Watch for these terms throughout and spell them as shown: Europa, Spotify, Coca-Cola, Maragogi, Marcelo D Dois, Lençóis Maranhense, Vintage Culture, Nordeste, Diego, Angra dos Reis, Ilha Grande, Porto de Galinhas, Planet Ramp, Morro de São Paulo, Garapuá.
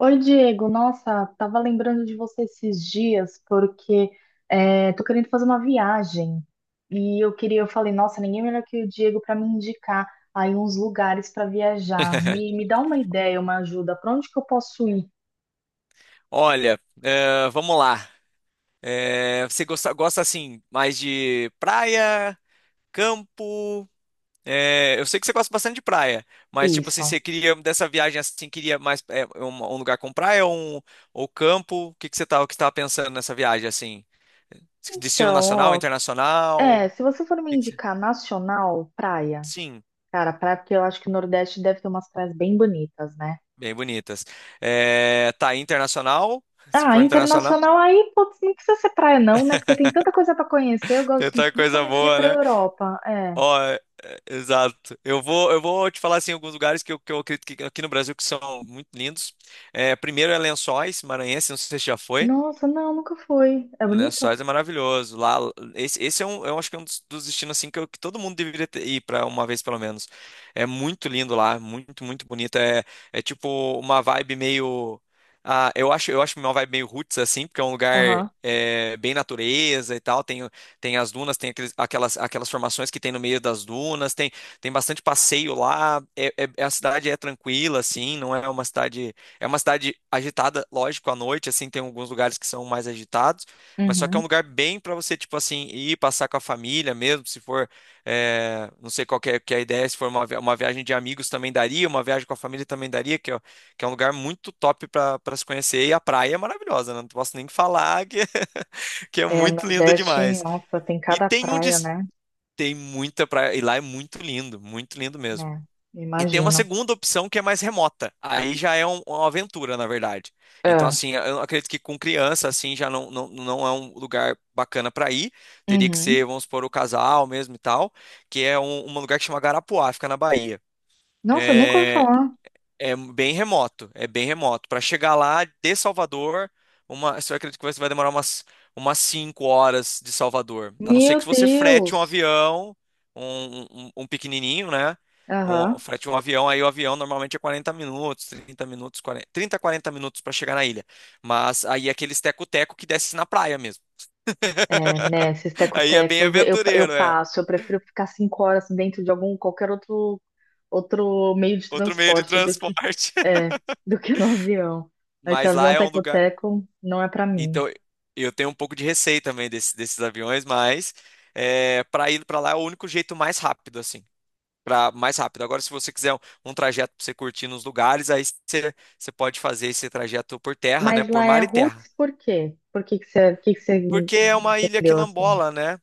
Oi, Diego. Nossa, tava lembrando de você esses dias porque tô querendo fazer uma viagem e eu falei, nossa, ninguém melhor que o Diego para me indicar aí uns lugares para viajar. Me dá uma ideia, uma ajuda. Para onde que eu posso ir? Olha, vamos lá. Você gosta assim mais de praia, campo? Eu sei que você gosta bastante de praia, mas tipo assim, você Isso. queria dessa viagem assim, queria mais um lugar com praia ou campo? O que que você tá, o que estava pensando nessa viagem assim? Destino Então, nacional, ó, internacional? é, O se você for me que que você- indicar nacional, praia. Sim, Cara, praia, porque eu acho que o Nordeste deve ter umas praias bem bonitas, né? bem bonitas. Tá internacional? Se Ah, for internacional, internacional aí, putz, não precisa ser praia não, né? Porque tem tanta coisa para conhecer. Eu tem gosto outra coisa principalmente de ir boa, para né? Europa. É. Ó, exato. Eu vou te falar assim alguns lugares que eu acredito que aqui no Brasil que são muito lindos. Primeiro é Lençóis, Maranhense, não sei se você já foi. Nossa, não, nunca fui. É bonito? Lençóis é maravilhoso. Lá, esse é um, eu acho que é um dos, destinos assim que, que todo mundo deveria ir para uma vez pelo menos. É muito lindo lá, muito, muito bonito. É tipo uma vibe meio, eu acho, uma vibe meio roots assim, porque é um lugar Aham. Bem natureza e tal. Tem as dunas, tem aquelas formações que tem no meio das dunas. Tem bastante passeio lá. A cidade é tranquila assim, não é uma cidade, é uma cidade agitada, lógico, à noite assim. Tem alguns lugares que são mais agitados, mas só que é um Uhum. lugar bem para você, tipo assim, ir passar com a família mesmo, se for, não sei qual que é a ideia. Se for uma, uma viagem de amigos também daria, uma viagem com a família também daria, que é um lugar muito top para se conhecer, e a praia é maravilhosa, né? Não posso nem falar que, que é É, muito linda Nordeste, demais. nossa, tem E cada tem praia, né? tem muita praia, e lá é muito lindo mesmo. É, E tem uma imagino. segunda opção que é mais remota. Aí já é uma aventura, na verdade. Então, É. assim, eu acredito que com criança, assim, já não, não, não é um lugar bacana para ir. Teria que Uhum. ser, vamos supor, o casal mesmo e tal, que é um, lugar que chama Garapuá, fica na Bahia. Nossa, nunca ouvi É, falar. é bem remoto, é bem remoto. Para chegar lá de Salvador, eu acredito que você vai demorar umas 5 horas de Salvador. A não ser que Meu você frete um Deus. avião, um pequenininho, né? Aham. Frete um avião, aí o avião normalmente é 40 minutos, 30 minutos, 40, 30, 40 minutos para chegar na ilha. Mas aí é aqueles teco-teco que desce na praia mesmo. Né, esses Aí é bem tecotecos, eu aventureiro, é. passo, eu prefiro ficar 5 horas dentro de algum, qualquer outro, outro meio de Outro meio de transporte do que, transporte. é, do que no avião. Esse Mas lá avião é um lugar. teco-teco não é para mim. Então, eu tenho um pouco de receio também desses aviões, mas para ir para lá é o único jeito mais rápido, assim. Mais rápido. Agora, se você quiser um, trajeto para você curtir nos lugares, aí você pode fazer esse trajeto por terra, né? Mas Por lá é mar e terra. Roots, por quê? Por que que você Porque é uma ilha entendeu assim? quilambola, né?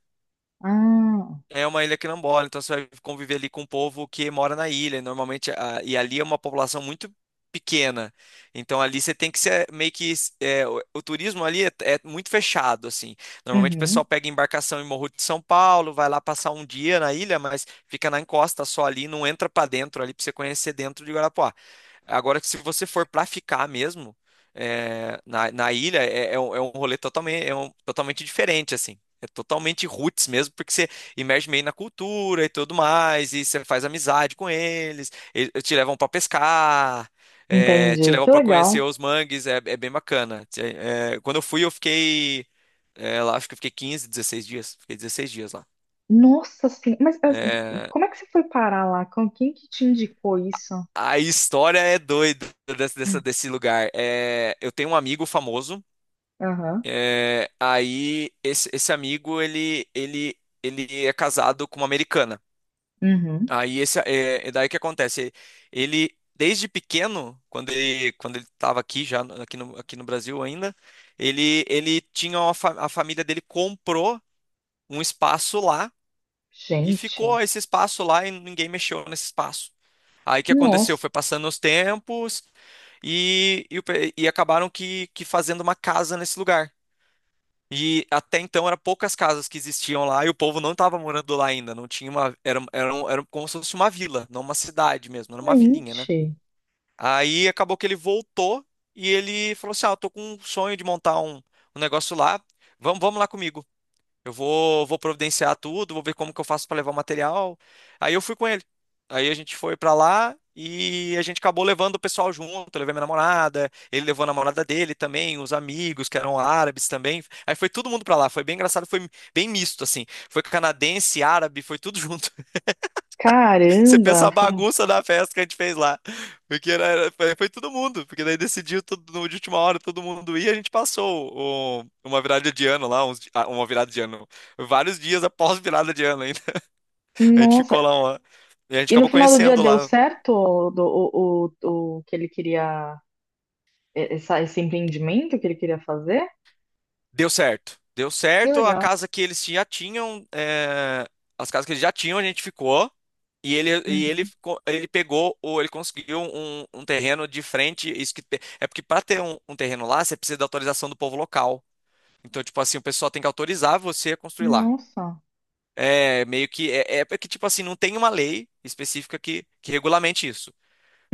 Ah, É uma ilha quilombola, então você vai conviver ali com o povo que mora na ilha, normalmente, e ali é uma população muito pequena. Então ali você tem que ser meio que o, turismo ali é muito fechado assim. Normalmente o pessoal uhum, pega embarcação em Morro de São Paulo, vai lá passar um dia na ilha, mas fica na encosta só ali, não entra pra dentro ali pra você conhecer dentro de Guarapuá. Agora que, se você for pra ficar mesmo na ilha é um rolê totalmente, totalmente diferente assim. É totalmente roots mesmo, porque você imerge meio na cultura e tudo mais, e você faz amizade com eles, e te levam para pescar, te entendi, levam que para conhecer legal. os mangues, é bem bacana. Quando eu fui, eu fiquei lá, acho que eu fiquei 15, 16 dias, fiquei 16 dias lá. Nossa senhora, É, como é que você foi parar lá? Com quem que te indicou isso? a história é doida desse lugar. Eu tenho um amigo famoso. Aham, Aí esse, amigo ele é casado com uma americana. uhum. Aí é daí que acontece. Ele desde pequeno, quando ele estava aqui já aqui no Brasil ainda, ele tinha a família dele comprou um espaço lá e Gente, ficou esse espaço lá e ninguém mexeu nesse espaço. Aí o que aconteceu? nossa. Foi passando os tempos e acabaram que fazendo uma casa nesse lugar. E até então eram poucas casas que existiam lá e o povo não estava morando lá ainda. Não tinha uma. Era como se fosse uma vila, não uma cidade mesmo, era uma vilinha, né? Gente, Aí acabou que ele voltou e ele falou assim: "Ah, eu tô com um sonho de montar um negócio lá. Vamos lá comigo. Eu vou providenciar tudo, vou ver como que eu faço para levar o material." Aí eu fui com ele. Aí a gente foi para lá e a gente acabou levando o pessoal junto. Eu levei minha namorada, ele levou a namorada dele também, os amigos que eram árabes também. Aí foi todo mundo para lá. Foi bem engraçado, foi bem misto assim. Foi canadense, árabe, foi tudo junto. Você caramba, pensa a fam- bagunça da festa que a gente fez lá. Porque foi todo mundo. Porque daí decidiu tudo de última hora, todo mundo ia. A gente passou uma virada de ano lá, uma virada de ano. Vários dias após virada de ano ainda. A gente ficou nossa. lá. E a gente E no acabou final do dia conhecendo deu lá. certo o, do- o que ele queria, esse empreendimento que ele queria fazer? Deu certo. Deu Que certo. A legal. casa que eles já tinham, as casas que eles já tinham, a gente ficou. E ele, e ele, Uhum. co- ele pegou, ou ele conseguiu um, um, terreno de frente. Isso que, é porque para ter um terreno lá, você precisa da autorização do povo local. Então, tipo assim, o pessoal tem que autorizar você a construir lá. Nossa, É meio que. É porque, tipo assim, não tem uma lei específica que regulamente isso.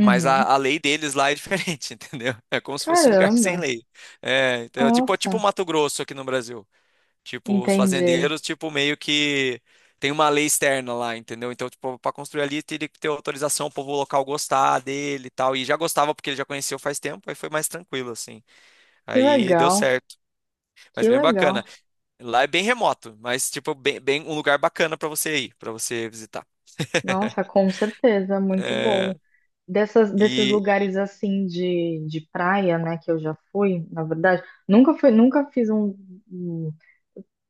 Mas a, a lei deles lá é diferente, entendeu? É como se fosse um lugar sem Caramba, lei. É, então, tipo nossa, Mato Grosso aqui no Brasil. Tipo, os entendi. fazendeiros, tipo, meio que tem uma lei externa lá, entendeu? Então, tipo, para construir ali, teria que ter autorização, o povo local gostar dele e tal. E já gostava porque ele já conheceu faz tempo, aí foi mais tranquilo, assim. Que Aí deu legal, certo. Mas que bem legal. bacana. Lá é bem remoto, mas, tipo, bem, bem um lugar bacana para você ir, para você visitar. Nossa, com certeza, muito É, bom. Desses e, lugares assim de praia, né, que eu já fui, na verdade, nunca fui, nunca fiz um. Um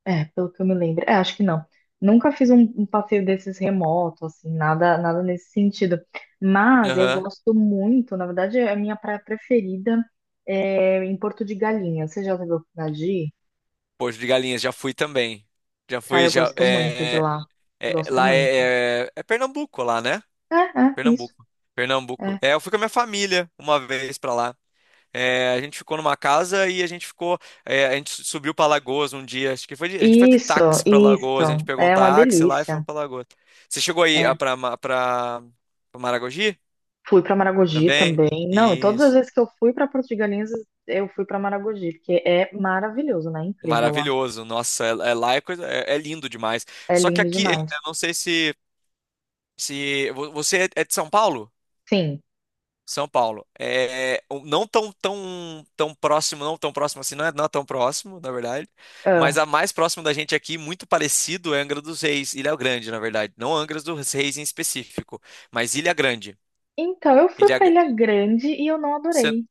É, pelo que eu me lembro. É, acho que não. Nunca fiz um passeio desses remoto, assim, nada, nada nesse sentido. Mas eu aham. gosto muito, na verdade, é a minha praia preferida é em Porto de Galinhas. Você já teve a oportunidade de ir? Porto de Galinhas, já fui também. Já Cara, fui, eu já. gosto muito de lá. Gosto Lá muito. é Pernambuco, lá, né? É, isso. Pernambuco. Pernambuco. É. Eu fui com a minha família uma vez pra lá. A gente ficou numa casa e a gente ficou. A gente subiu pra Lagoas um dia. Acho que foi a gente foi de Isso, táxi pra isso. Lagoas. A gente pegou um É uma táxi lá e fomos delícia. pra Lagoas. Você chegou aí ah, É. pra, Ma- pra, pra Maragogi Fui para Maragogi também? também. Não, todas as Isso. vezes que eu fui para Porto de Galinhas, eu fui para Maragogi, porque é maravilhoso, né? Incrível lá. Maravilhoso. Nossa, lá é lindo demais. É Só que lindo aqui, demais. eu não sei se, você é de São Paulo? Sim. São Paulo. Não tão, tão, tão próximo, não tão próximo assim, não é tão próximo, na verdade. Mas Ah. a mais próxima da gente aqui, muito parecido, é Angra dos Reis, Ilha Grande, na verdade. Não Angra dos Reis em específico, mas Ilha Grande. Então, eu fui Ilha... pra Gra- Ilha Grande e eu não Cê- adorei.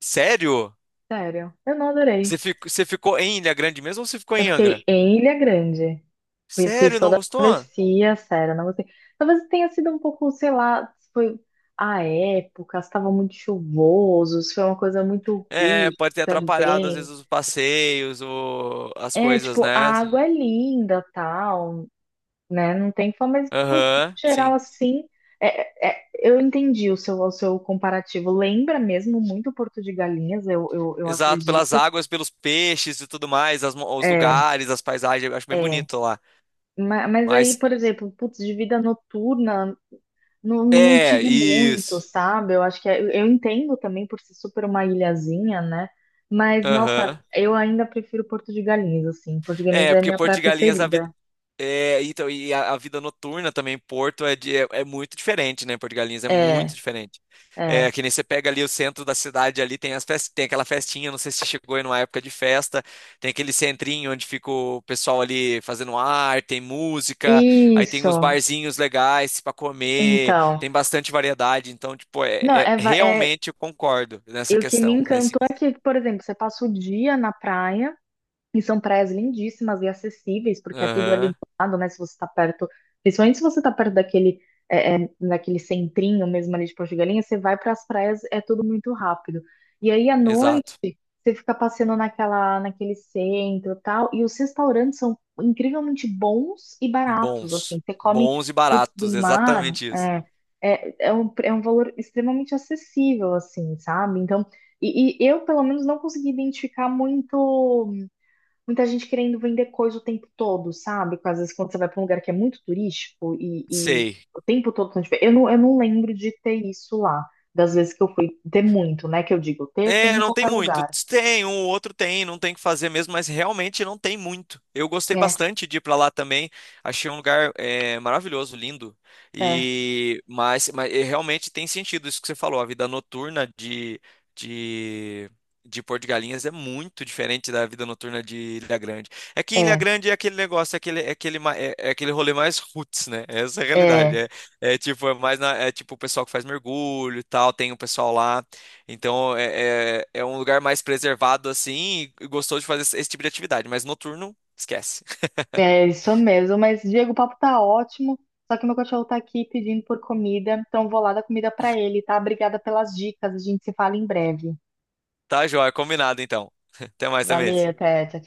Sério? Sério, eu não Você adorei. ficou, você ficou em Ilha Grande mesmo ou você ficou Eu em fiquei Angra? em Ilha Grande. E Fiz Sério, não toda a gostou? travessia, sério, não gostei. Talvez tenha sido um pouco, sei lá, se foi a época, estava muito chuvoso, se foi uma coisa muito É, rude pode ter atrapalhado às vezes também. os passeios, as É, coisas, tipo, a né? água é linda, tal, né? Não tem fã, mas no Aham, geral sim. assim, é, eu entendi o seu comparativo. Lembra mesmo muito Porto de Galinhas, eu Exato, pelas acredito. águas, pelos peixes e tudo mais, os É, lugares, as paisagens, eu acho bem é. bonito lá. Mas aí, Mas por exemplo, putz, de vida noturna, não é, tive muito, isso. sabe? Eu acho que eu entendo também por ser super uma ilhazinha, né? Mas, nossa, Aham. eu ainda prefiro Porto de Galinhas, assim. Porto de Galinhas É, é a porque minha Porto praia de Galinhas a, vi- preferida. É, então, e a vida noturna também em Porto é muito diferente, né? Porto de Galinhas é muito É, diferente. É, é. que nem você pega ali o centro da cidade, ali tem tem aquela festinha, não sei se você chegou aí numa época de festa, tem aquele centrinho onde fica o pessoal ali fazendo arte, tem música, aí tem uns Isso. barzinhos legais para comer, Então. tem bastante variedade, então, tipo, Não, é, va- é- realmente eu concordo nessa E o que me questão, nesse. encantou é que, por exemplo, você passa o dia na praia. E são praias lindíssimas e acessíveis, porque é tudo ali do Aham, lado, né? Se você está perto, principalmente se você está perto daquele, daquele centrinho mesmo ali de Porto de Galinhas, você vai para as praias, é tudo muito rápido. E aí à exato. noite, você fica passeando naquela, naquele centro e tal, e os restaurantes são incrivelmente bons e baratos, Bons. assim. Você come Bons e frutos baratos, do mar, exatamente isso. É um valor extremamente acessível, assim, sabe? Então, e eu, pelo menos, não consegui identificar muito muita gente querendo vender coisa o tempo todo, sabe? Às vezes quando você vai para um lugar que é muito turístico e Sei. o tempo todo tão diferente. Eu não lembro de ter isso lá. Das vezes que eu fui, ter muito, né? Que eu digo, ter tem É, em não tem qualquer muito. lugar. Tem, um ou outro tem, não tem o que fazer mesmo, mas realmente não tem muito. Eu gostei É, bastante de ir pra lá também. Achei um lugar maravilhoso, lindo. é, E realmente tem sentido isso que você falou. A vida noturna de, de Porto de Galinhas é muito diferente da vida noturna de Ilha Grande. É que em Ilha é, Grande é aquele negócio, é aquele, ma- é, é aquele rolê mais roots, né? Essa é a realidade. é. É tipo o pessoal que faz mergulho e tal, tem o pessoal lá. Então é um lugar mais preservado assim e gostoso de fazer esse tipo de atividade, mas noturno, esquece. É isso mesmo. Mas, Diego, o papo tá ótimo. Só que meu cachorro tá aqui pedindo por comida. Então, eu vou lá dar comida para ele, tá? Obrigada pelas dicas. A gente se fala em breve. Tá, joia, combinado então. Até mais, também. Valeu, até. Tchau, tchau.